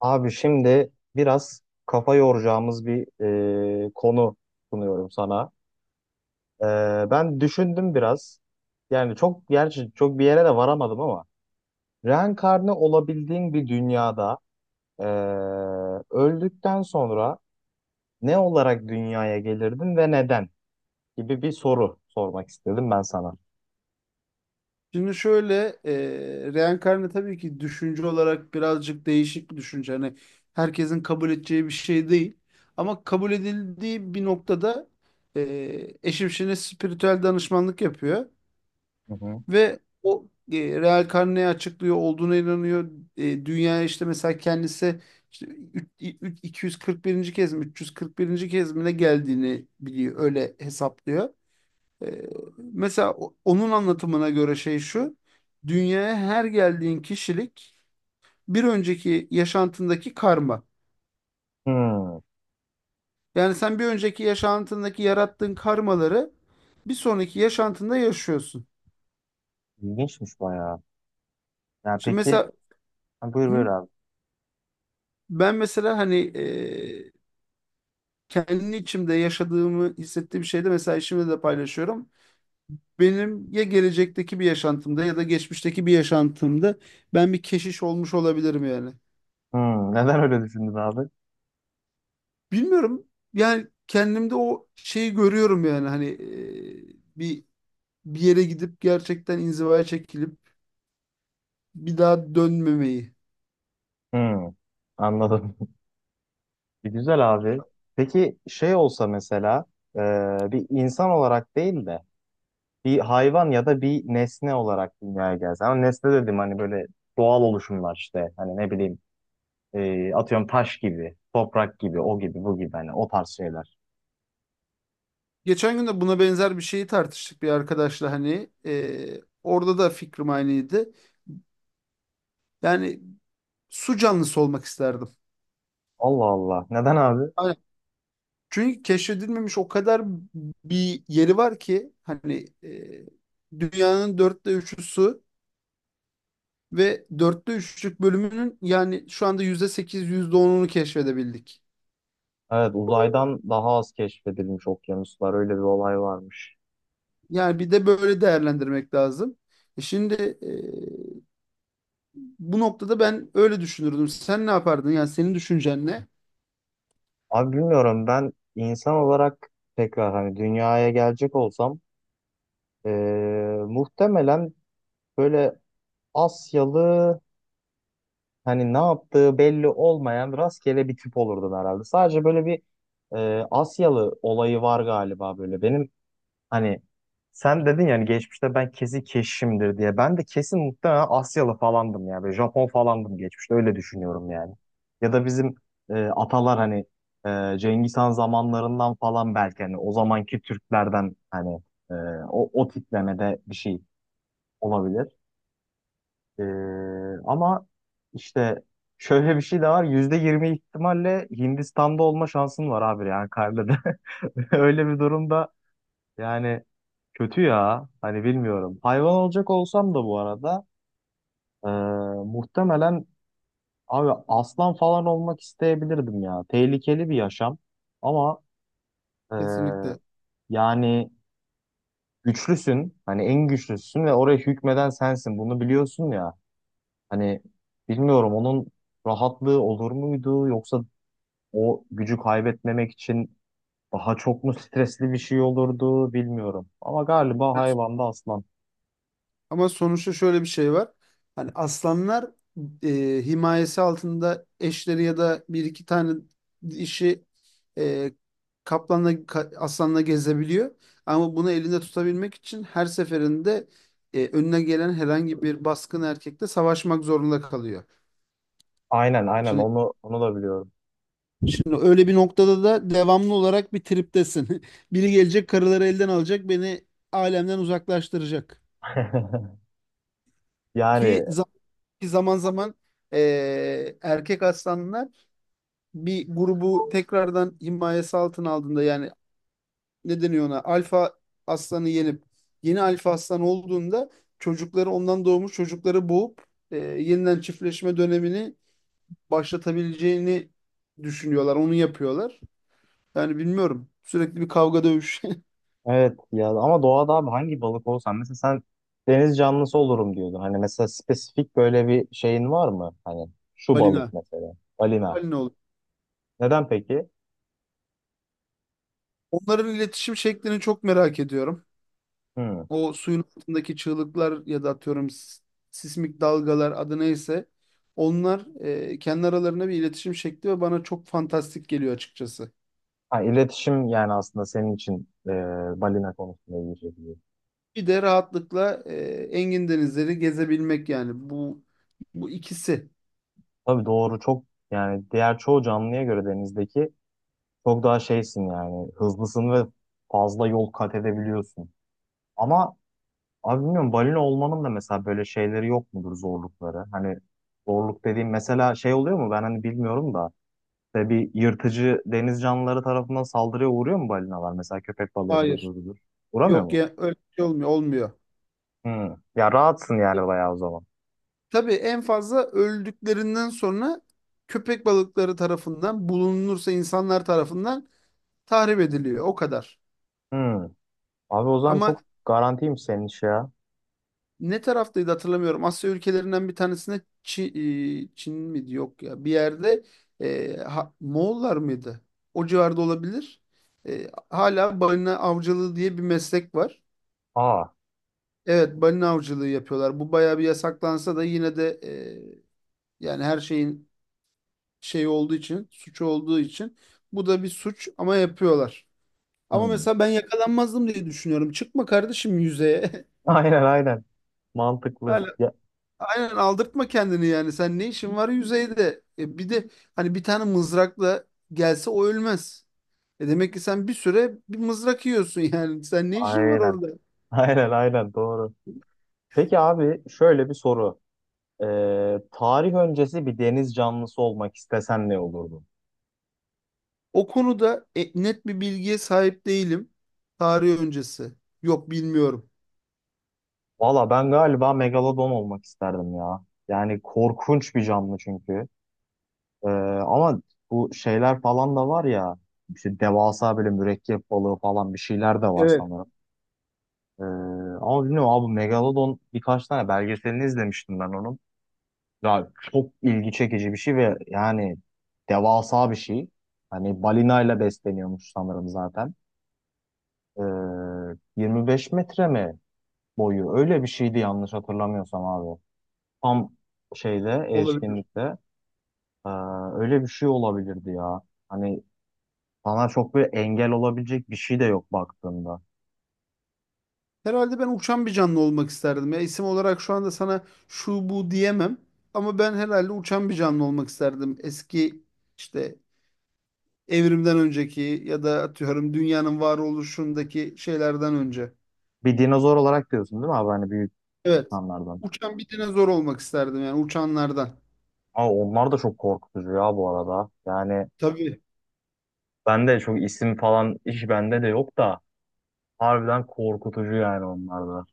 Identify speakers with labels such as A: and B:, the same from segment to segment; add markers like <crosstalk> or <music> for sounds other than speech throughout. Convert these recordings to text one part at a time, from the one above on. A: Abi şimdi biraz kafa yoracağımız bir konu sunuyorum sana. E, ben düşündüm biraz. Yani çok gerçi çok bir yere de varamadım ama reenkarne olabildiğin bir dünyada, e, öldükten sonra ne olarak dünyaya gelirdin ve neden gibi bir soru sormak istedim ben sana.
B: Şimdi şöyle reenkarne tabii ki düşünce olarak birazcık değişik bir düşünce. Hani herkesin kabul edeceği bir şey değil. Ama kabul edildiği bir noktada eşim şimdi spiritüel danışmanlık yapıyor.
A: Hı hı.
B: Ve o reenkarneyi açıklıyor, olduğuna inanıyor. Dünyaya işte mesela kendisi işte 241. kez mi 341. kez mi ne geldiğini biliyor. Öyle hesaplıyor. Ee, Mesela onun anlatımına göre şey şu. Dünyaya her geldiğin kişilik bir önceki yaşantındaki karma.
A: Hmm,
B: Yani sen bir önceki yaşantındaki yarattığın karmaları bir sonraki yaşantında yaşıyorsun.
A: ilginçmiş bayağı. Yani
B: Şimdi
A: peki,
B: mesela
A: buyur buyur
B: hı,
A: abi.
B: ben mesela hani kendi içimde yaşadığımı hissettiğim şeyde mesela işimde de paylaşıyorum. Benim ya gelecekteki bir yaşantımda ya da geçmişteki bir yaşantımda ben bir keşiş olmuş olabilirim yani.
A: Neden öyle düşündün abi?
B: Bilmiyorum. Yani kendimde o şeyi görüyorum yani hani bir yere gidip gerçekten inzivaya çekilip bir daha dönmemeyi.
A: Hmm, anladım. Güzel abi. Peki şey olsa mesela, e, bir insan olarak değil de bir hayvan ya da bir nesne olarak dünyaya gelse. Ama nesne dedim, hani böyle doğal oluşumlar işte. Hani ne bileyim, atıyorum taş gibi, toprak gibi, o gibi, bu gibi, hani o tarz şeyler.
B: Geçen gün de buna benzer bir şeyi tartıştık bir arkadaşla hani orada da fikrim aynıydı. Yani su canlısı olmak isterdim.
A: Allah Allah. Neden abi?
B: Aynen. Çünkü keşfedilmemiş o kadar bir yeri var ki hani dünyanın dörtte üçü su. Ve dörtte üçlük bölümünün yani şu anda yüzde sekiz yüzde onunu keşfedebildik.
A: Evet, uzaydan daha az keşfedilmiş okyanuslar, öyle bir olay varmış.
B: Yani bir de böyle değerlendirmek lazım. E şimdi, e, bu noktada ben öyle düşünürdüm. Sen ne yapardın? Yani senin düşüncen ne?
A: Abi bilmiyorum, ben insan olarak tekrar hani dünyaya gelecek olsam, e, muhtemelen böyle Asyalı, hani ne yaptığı belli olmayan rastgele bir tip olurdun herhalde. Sadece böyle bir Asyalı olayı var galiba böyle. Benim, hani sen dedin yani, geçmişte ben kesin keşişimdir diye. Ben de kesin muhtemelen Asyalı falandım ya. Böyle Japon falandım geçmişte, öyle düşünüyorum yani. Ya da bizim atalar, hani Cengiz Han zamanlarından falan, belki hani o zamanki Türklerden, hani e, o tiplemede bir şey olabilir. Ee, ama işte şöyle bir şey de var. Yüzde yirmi ihtimalle Hindistan'da olma şansın var abi, yani karnede. <laughs> Öyle bir durumda yani, kötü ya. Hani bilmiyorum. Hayvan olacak olsam da bu arada, ee, muhtemelen abi aslan falan olmak isteyebilirdim ya. Tehlikeli bir yaşam ama, ee,
B: Kesinlikle.
A: yani güçlüsün. Hani en güçlüsün ve oraya hükmeden sensin. Bunu biliyorsun ya. Hani bilmiyorum, onun rahatlığı olur muydu, yoksa o gücü kaybetmemek için daha çok mu stresli bir şey olurdu, bilmiyorum. Ama galiba hayvanda aslan.
B: Ama sonuçta şöyle bir şey var. Hani aslanlar himayesi altında eşleri ya da bir iki tane dişi e, aslanla gezebiliyor. Ama bunu elinde tutabilmek için her seferinde önüne gelen herhangi bir baskın erkekle savaşmak zorunda kalıyor.
A: Aynen aynen,
B: Şimdi
A: onu da biliyorum.
B: şimdi öyle bir noktada da devamlı olarak bir triptesin. <laughs> Biri gelecek karıları elden alacak, beni alemden uzaklaştıracak.
A: <laughs> Yani
B: Ki Ki zaman zaman erkek aslanlar bir grubu tekrardan himayesi altına aldığında yani ne deniyor ona alfa aslanı yenip yeni alfa aslan olduğunda ondan doğmuş çocukları boğup yeniden çiftleşme dönemini başlatabileceğini düşünüyorlar. Onu yapıyorlar. Yani bilmiyorum. Sürekli bir kavga dövüş.
A: evet ya, ama doğada abi hangi balık olsan mesela sen, deniz canlısı olurum diyordun. Hani mesela spesifik böyle bir şeyin var mı? Hani
B: <laughs>
A: şu balık
B: Balina.
A: mesela, balina.
B: Balina olur.
A: Neden peki?
B: Onların iletişim şeklini çok merak ediyorum.
A: Hmm.
B: O suyun altındaki çığlıklar ya da atıyorum sismik dalgalar adı neyse onlar kendi aralarında bir iletişim şekli ve bana çok fantastik geliyor açıkçası.
A: Ha, iletişim yani aslında senin için, balina konusunda ilgili.
B: Bir de rahatlıkla engin denizleri gezebilmek yani bu ikisi.
A: Tabii doğru, çok yani diğer çoğu canlıya göre denizdeki çok daha şeysin yani, hızlısın ve fazla yol kat edebiliyorsun. Ama abi bilmiyorum, balina olmanın da mesela böyle şeyleri yok mudur, zorlukları? Hani zorluk dediğim mesela şey oluyor mu, ben hani bilmiyorum da, işte bir yırtıcı deniz canlıları tarafından saldırıya uğruyor mu balinalar? Mesela köpek balığıdır,
B: Hayır.
A: öbürüdür. Uğramıyor
B: Yok
A: mu?
B: ya öyle bir şey olmuyor. Olmuyor.
A: Hmm. Ya rahatsın yani, bayağı o zaman.
B: Tabii en fazla öldüklerinden sonra köpek balıkları tarafından bulunursa insanlar tarafından tahrip ediliyor. O kadar.
A: Hmm. Abi o zaman çok
B: Ama
A: garantiymiş senin iş ya.
B: ne taraftaydı hatırlamıyorum. Asya ülkelerinden bir tanesine Çin, Çin miydi? Yok ya. Bir yerde Moğollar mıydı? O civarda olabilir. E, hala balina avcılığı diye bir meslek var.
A: Aa.
B: Evet balina avcılığı yapıyorlar. Bu bayağı bir yasaklansa da yine de yani her şeyin şey olduğu için, suç olduğu için bu da bir suç ama yapıyorlar. Ama
A: Hmm.
B: mesela ben yakalanmazdım diye düşünüyorum. Çıkma kardeşim yüzeye.
A: <laughs>
B: <laughs>
A: Aynen aynen. Mantıklı.
B: Hala,
A: Ya,
B: aynen aldırtma kendini yani. Sen ne işin var yüzeyde? E bir de hani bir tane mızrakla gelse o ölmez. E demek ki sen bir süre bir mızrak yiyorsun <laughs> yani. Sen ne işin var
A: aynen.
B: orada?
A: <laughs> Aynen aynen doğru. Peki abi, şöyle bir soru. Tarih öncesi bir deniz canlısı olmak istesen ne olurdun?
B: O konuda net bir bilgiye sahip değilim. Tarih öncesi. Yok bilmiyorum.
A: Valla ben galiba megalodon olmak isterdim ya. Yani korkunç bir canlı çünkü. Ee, ama bu şeyler falan da var ya. İşte devasa böyle mürekkep balığı falan, bir şeyler de var
B: Evet.
A: sanırım. Ee, ama bilmiyorum abi, megalodon birkaç tane belgeselini izlemiştim ben onun. Ya çok ilgi çekici bir şey ve yani devasa bir şey. Hani balinayla besleniyormuş sanırım zaten. Ee, 25 metre mi boyu? Öyle bir şeydi yanlış hatırlamıyorsam abi. Tam şeyde,
B: Olabilir.
A: erişkinlikte ee, öyle bir şey olabilirdi ya. Hani bana çok bir engel olabilecek bir şey de yok baktığında.
B: Herhalde ben uçan bir canlı olmak isterdim. Ya isim olarak şu anda sana şu bu diyemem. Ama ben herhalde uçan bir canlı olmak isterdim. Eski işte evrimden önceki ya da atıyorum dünyanın varoluşundaki şeylerden önce.
A: Bir dinozor olarak diyorsun değil mi abi? Hani büyük
B: Evet.
A: insanlardan.
B: Uçan bir dinozor olmak isterdim yani uçanlardan.
A: Ama onlar da çok korkutucu ya bu arada. Yani
B: Tabii.
A: ben de çok isim falan hiç, bende de yok da. Harbiden korkutucu yani onlar da.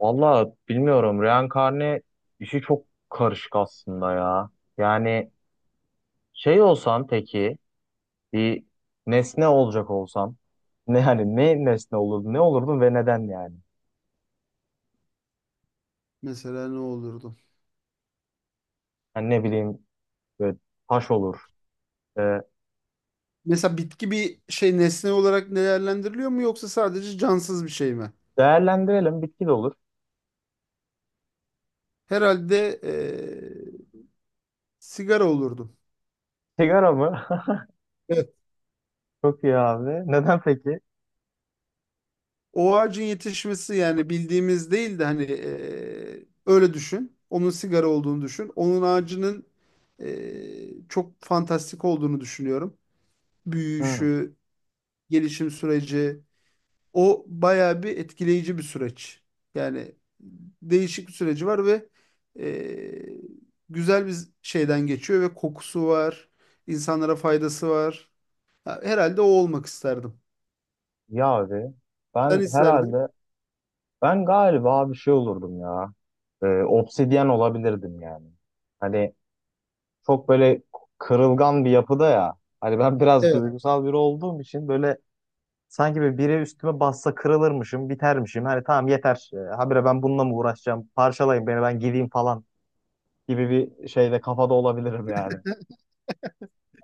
A: Valla bilmiyorum, reenkarne işi çok karışık aslında ya. Yani şey olsan peki, bir nesne olacak olsan, ne hani ne nesne olurdun, ne olurdun ve neden yani?
B: Mesela ne olurdu?
A: Yani ne bileyim, böyle taş olur. Ee,
B: Mesela bitki bir şey nesne olarak değerlendiriliyor mu yoksa sadece cansız bir şey mi?
A: değerlendirelim bitki de olur.
B: Herhalde sigara olurdum.
A: Sigara mı? <laughs> Çok iyi abi. Neden peki?
B: O ağacın yetişmesi yani bildiğimiz değil de hani öyle düşün. Onun sigara olduğunu düşün. Onun ağacının çok fantastik olduğunu düşünüyorum.
A: Hı.
B: Büyüyüşü, gelişim süreci. O bayağı bir etkileyici bir süreç. Yani değişik bir süreci var ve e, güzel bir şeyden geçiyor ve kokusu var. İnsanlara faydası var. Ha, herhalde o olmak isterdim.
A: Ya abi,
B: Sen
A: ben
B: isterdin.
A: herhalde ben galiba bir şey olurdum ya. Obsidyen olabilirdim yani. Hani çok böyle kırılgan bir yapıda ya. Hani ben <laughs> biraz
B: Evet.
A: duygusal biri olduğum için böyle, sanki biri üstüme bassa kırılırmışım, bitermişim. Hani tamam, yeter. Habire ben bununla mı uğraşacağım? Parçalayın beni, ben gideyim falan gibi bir şeyde, kafada olabilirim yani.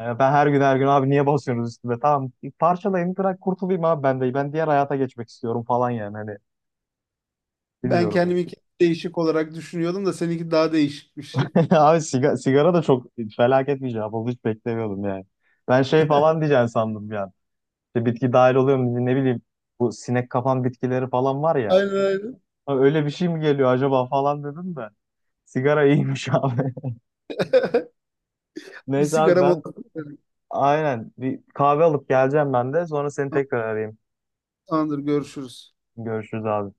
A: Yani ben her gün her gün abi niye basıyorsunuz üstüme? Tamam parçalayın, bırak kurtulayım abi ben de. Ben diğer hayata geçmek istiyorum falan yani, hani
B: Ben
A: bilmiyorum.
B: kendimi değişik olarak düşünüyordum da seninki daha değişikmiş.
A: <laughs>
B: <laughs>
A: Abi sigara, sigara da çok felaket bir cevap oldu. Hiç beklemiyordum yani. Ben şey falan diyeceğim sandım bir an. İşte bitki dahil oluyor mu, ne bileyim. Bu sinek kapan bitkileri falan var ya.
B: Aynen, aynen.
A: Ha, öyle bir şey mi geliyor acaba falan dedim de. Sigara iyiymiş <laughs> abi.
B: Bir
A: Neyse abi,
B: sigaram oldu.
A: ben aynen bir kahve alıp geleceğim ben de. Sonra seni
B: Tamam,
A: tekrar arayayım.
B: tamamdır, görüşürüz.
A: Görüşürüz abi.